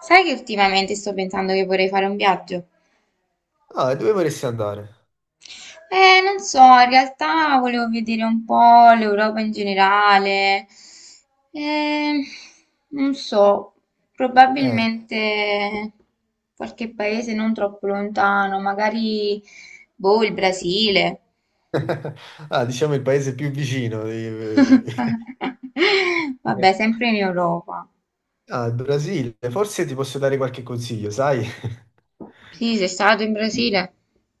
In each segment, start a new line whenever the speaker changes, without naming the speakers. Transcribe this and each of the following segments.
Sai che ultimamente sto pensando che vorrei fare un viaggio?
Ah, e dove vorresti andare?
Non so, in realtà volevo vedere un po' l'Europa in generale. Eh, Non so,
Eh.
probabilmente qualche paese non troppo lontano, magari, boh, il Brasile.
Ah, diciamo il paese più vicino.
Vabbè, sempre in Europa.
Ah, il Brasile. Forse ti posso dare qualche consiglio, sai?
Sì, sei stato in Brasile.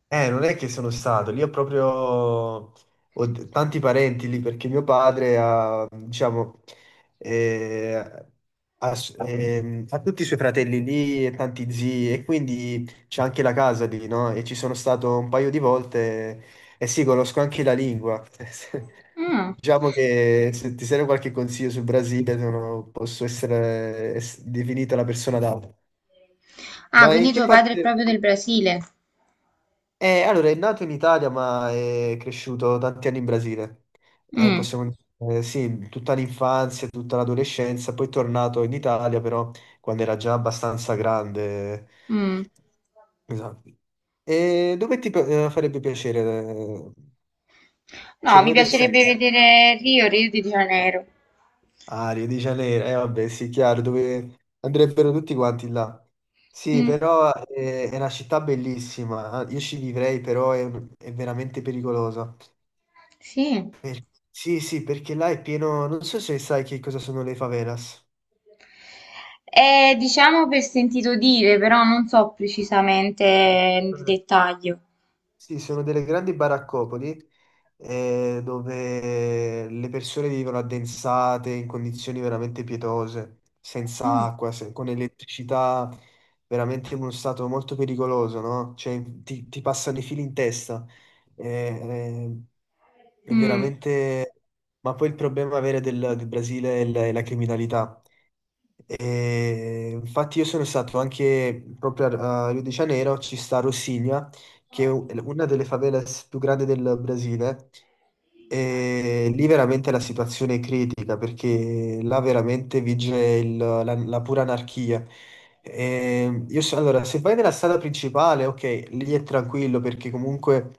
Non è che sono stato, lì ho proprio tanti parenti lì perché mio padre ha, diciamo, eh, ha, s- ha tutti i suoi fratelli lì e tanti zii, e quindi c'è anche la casa lì, no? E ci sono stato un paio di volte, e sì, conosco anche la lingua.
Mm.
Diciamo che se ti serve qualche consiglio sul Brasile, posso essere definita la persona adatta.
Ah,
Ma in
quindi
che
tuo padre è
parte.
proprio del Brasile.
Allora, è nato in Italia, ma è cresciuto tanti anni in Brasile.
Mm,
Possiamo, sì, tutta l'infanzia, tutta l'adolescenza, poi è tornato in Italia, però quando era già abbastanza grande.
mm.
Esatto. E dove ti farebbe piacere? Cioè,
No, mi
dove dovresti
piacerebbe
andare?
vedere Rio, Rio de Janeiro.
Ah, Rio di Janeiro, eh vabbè, sì, chiaro, dove andrebbero tutti quanti là. Sì,
Mm,
però è una città bellissima, ah, io ci vivrei, però è veramente pericolosa.
sì.
Sì, sì, perché là è pieno, non so se sai che cosa sono le favelas.
Diciamo per sentito dire, però non so precisamente il dettaglio.
Sì, sono delle grandi baraccopoli, dove le persone vivono addensate in condizioni veramente pietose, senza
Ah,
acqua, con elettricità, veramente in uno stato molto pericoloso, no? Cioè ti passano i fili in testa. Eh, eh, è
mm.
veramente. Ma poi il problema vero del Brasile è la criminalità. E infatti io sono stato anche proprio a Rio de Janeiro, ci sta Rocinha, che è una delle favelas più grandi del Brasile, e lì veramente la situazione è critica perché là veramente vige la pura anarchia. E allora, se vai nella strada principale, ok, lì è tranquillo perché comunque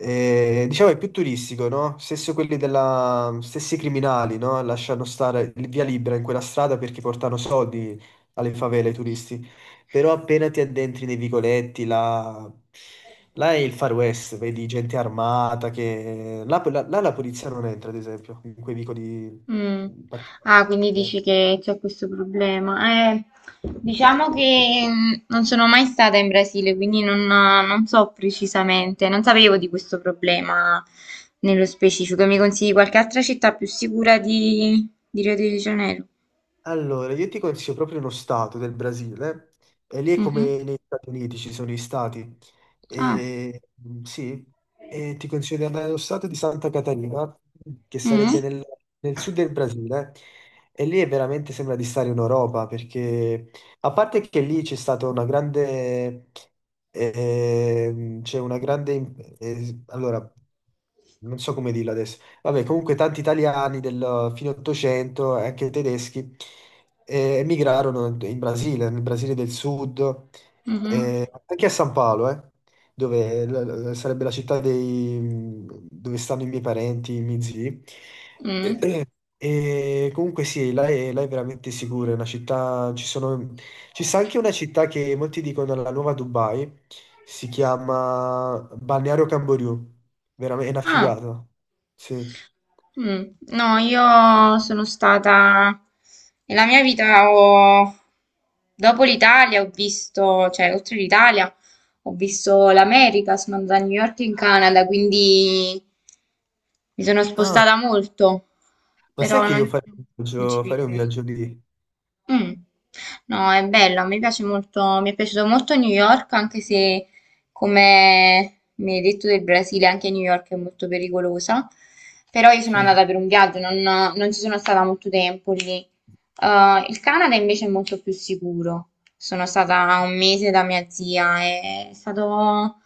diciamo è più turistico, no? Stessi criminali, no? Lasciano stare via libera in quella strada perché portano soldi alle favele, ai turisti. Però appena ti addentri nei vicoletti, là, là è il Far West. Vedi gente armata che. Là, là- là La polizia non entra, ad esempio, in quei vicoli
Mm.
particolari.
Ah, quindi dici che c'è questo problema. Diciamo che mm, non sono mai stata in Brasile, quindi non so precisamente, non sapevo di questo problema nello specifico. Mi consigli qualche altra città più sicura di Rio de Janeiro?
Allora, io ti consiglio proprio uno stato del Brasile, e lì è
Mhm.
come negli Stati Uniti, ci sono i stati,
Ah,
e, sì, ti consiglio di andare allo stato di Santa Catarina, che sarebbe
mm,
nel, nel sud del Brasile, e lì è veramente sembra di stare in Europa, perché a parte che lì c'è stata una grande, c'è una grande, allora, non so come dirla adesso. Vabbè, comunque tanti italiani del fine 800 e anche tedeschi emigrarono in Brasile, nel Brasile del Sud,
mhm,
anche a San Paolo, dove sarebbe la città dove stanno i miei parenti, i miei zii. E,
mm.
e comunque sì, là è veramente sicura, è una città, ci sta anche una città che molti dicono la nuova Dubai, si chiama Balneario Camboriú, veramente è una
Ah,
figata, sì.
mm. No, io sono stata nella mia vita ho dopo l'Italia ho visto, cioè oltre l'Italia ho visto l'America, sono andata a New York in Canada, quindi mi sono
Ah,
spostata molto,
ma sai
però
che io
non, non ci
farei un
vivrei.
viaggio lì?
Mm. No, è bello, a me piace molto, mi è piaciuto molto New York, anche se come mi hai detto del Brasile, anche New York è molto pericolosa. Però io sono
Sì.
andata per un viaggio, non, non ci sono stata molto tempo lì. Il Canada invece è molto più sicuro. Sono stata un mese da mia zia, è stato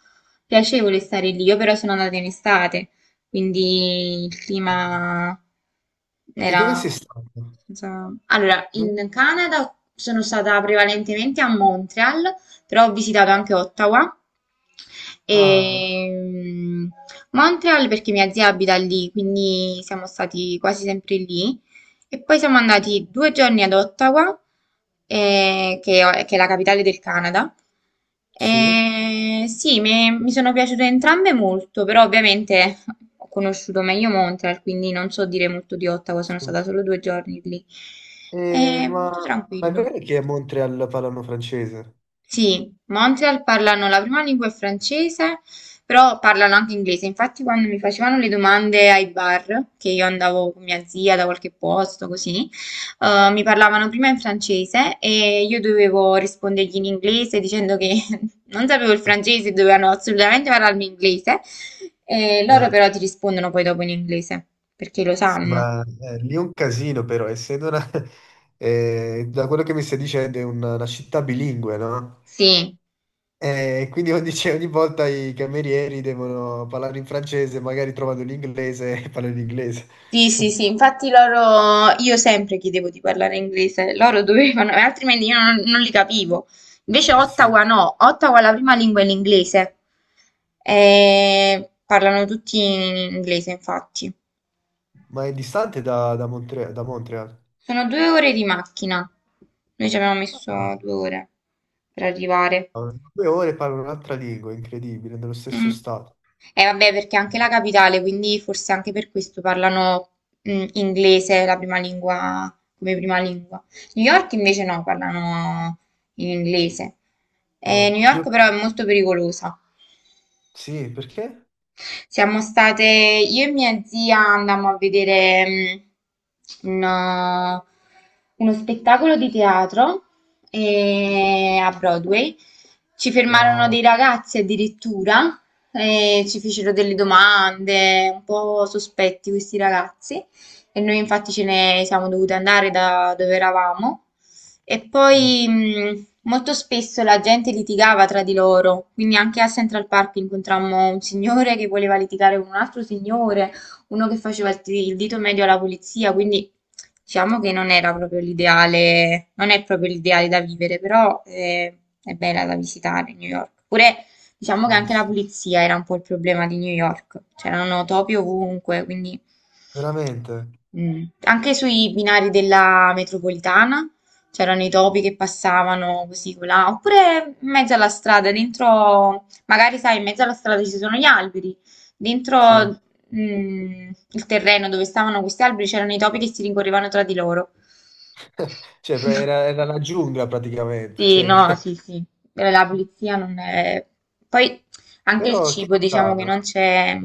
piacevole stare lì. Io però sono andata in estate quindi il
Ah.
clima
E dove sei
era
stato?
senza- Allora,
Dove-
in Canada sono stata prevalentemente a Montreal, però ho visitato anche Ottawa. E
Ah,
mm, Montreal perché mia zia abita lì, quindi siamo stati quasi sempre lì. E poi siamo andati due giorni ad Ottawa, che è la capitale del Canada.
sì.
E sì, mi sono piaciute entrambe molto, però ovviamente ho conosciuto meglio Montreal, quindi non so dire molto di Ottawa, sono
Sì.
stata solo due giorni lì.
Eh,
È
ma...
molto
ma è
tranquillo.
vero che a Montreal parlano francese?
Sì, Montreal parlano la prima lingua è francese, però parlano anche inglese. Infatti, quando mi facevano le domande ai bar, che io andavo con mia zia da qualche posto, così, mi parlavano prima in francese e io dovevo rispondergli in inglese dicendo che non sapevo il francese, dovevano assolutamente parlarmi inglese. E loro
Eh,
però ti rispondono poi dopo in inglese, perché lo
sì,
sanno.
ma lì è un casino però, essendo una. Da quello che mi stai dicendo è una città bilingue, no?
Sì.
Quindi ogni, cioè, ogni volta i camerieri devono parlare in francese, magari trovano l'inglese e parlano in inglese.
Sì, sì, sì, infatti loro, io sempre chiedevo di parlare inglese, loro dovevano, e altrimenti io non li capivo. Invece
Sì.
Ottawa no, Ottawa la prima lingua è l'inglese, e parlano tutti in inglese, infatti.
Ma è distante da Montreal?
Sono due ore di macchina, noi ci abbiamo
Ah,
messo due ore per arrivare.
ah, due ore parlo un'altra lingua, incredibile, nello stesso
Mm.
stato.
Vabbè, perché è anche la capitale, quindi forse anche per questo parlano mm, inglese la prima lingua, come prima lingua. New York invece no, parlano in inglese.
No,
New
io.
York però è molto pericolosa.
Sì, perché?
Siamo state, io e mia zia andammo a vedere mm, un- uno spettacolo di teatro a Broadway. Ci fermarono dei
Wow.
ragazzi addirittura e ci fecero delle domande, un po' sospetti questi ragazzi. E noi infatti ce ne siamo dovute andare da dove eravamo. E
Mm.
poi, molto spesso la gente litigava tra di loro, quindi anche a Central Park incontrammo un signore che voleva litigare con un altro signore, uno che faceva il, ti- il dito medio alla polizia, quindi diciamo che non era proprio l'ideale, non è proprio l'ideale da vivere, però è bella da visitare New York. Pure diciamo che
Eh
anche la
sì.
polizia era un po' il problema di New York, c'erano topi ovunque, quindi
Veramente?
mm. Anche sui binari della metropolitana c'erano i topi che passavano così colà, oppure in mezzo alla strada, dentro, magari sai, in mezzo alla strada ci sono gli alberi, dentro
Sì.
mm, il terreno dove stavano questi alberi c'erano i topi che si rincorrevano tra di loro.
Cioè, era la giungla praticamente,
Sì,
cioè.
no, sì, sì. La pulizia non è... Poi anche il
Però che
cibo, diciamo che
strano.
non c'è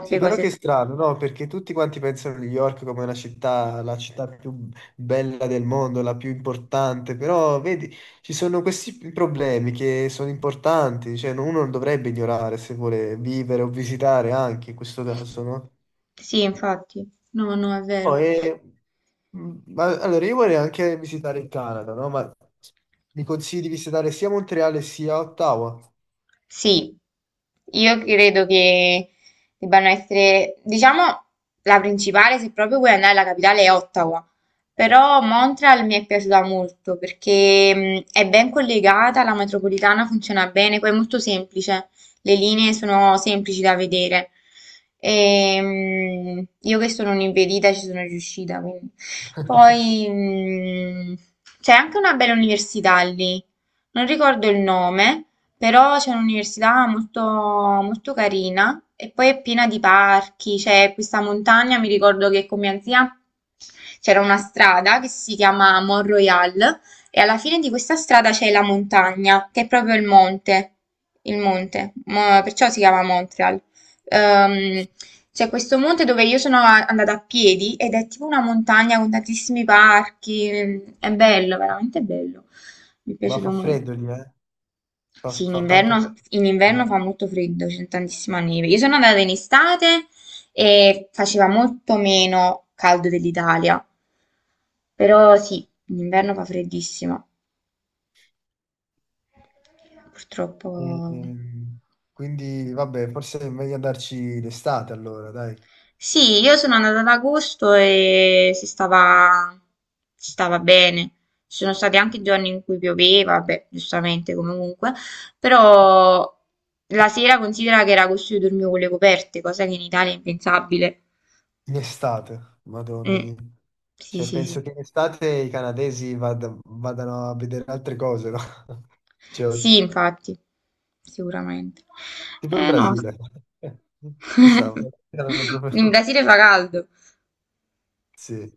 Sì, però
cose.
che strano, no? Perché tutti quanti pensano a New York come una città, la città più bella del mondo, la più importante, però vedi, ci sono questi problemi che sono importanti, cioè no, uno non dovrebbe ignorare se vuole vivere o visitare anche in questo caso, no?
Sì, infatti, no, no, è
No,
vero.
allora io vorrei anche visitare il Canada, no? Ma mi consigli di visitare sia Montreal sia Ottawa?
Sì, io credo che debbano essere, diciamo, la principale, se proprio vuoi andare alla capitale, è Ottawa. Però Montreal mi è piaciuta molto perché è ben collegata, la metropolitana funziona bene, poi è molto semplice, le linee sono semplici da vedere. E, io che sono un'impedita ci sono riuscita, quindi. Poi c'è anche una bella università lì, non ricordo il nome. Però c'è un'università molto, molto carina e poi è piena di parchi, c'è questa montagna, mi ricordo che con mia zia c'era una strada che si chiama Mont Royal e alla fine di questa strada c'è la montagna, che è proprio il monte, perciò si chiama Montreal. Ehm, c'è questo monte dove io sono andata a piedi ed è tipo una montagna con tantissimi parchi, è bello, veramente bello, mi è
Ma
piaciuto
fa
molto.
freddo lì, eh? Fa,
Sì,
fa tanto freddo.
in inverno fa molto freddo, c'è tantissima neve. Io sono andata in estate e faceva molto meno caldo dell'Italia, però sì, in inverno fa freddissimo, purtroppo.
Ehm, quindi vabbè, forse è meglio andarci d'estate allora, dai.
Sì, io sono andata ad agosto e si stava bene. Ci sono stati anche giorni in cui pioveva, beh, giustamente comunque, però la sera considera che era agosto io dormivo con le coperte, cosa che in Italia è impensabile.
In estate, madonna
Mh.
mia.
Sì,
Cioè,
sì, sì.
penso che in estate i canadesi vadano a vedere altre cose, no? Cioè,
Sì, infatti, sicuramente.
tipo in
Eh no, s
Brasile. Chissà. erano
in
proprio-
Brasile fa caldo.
Sì.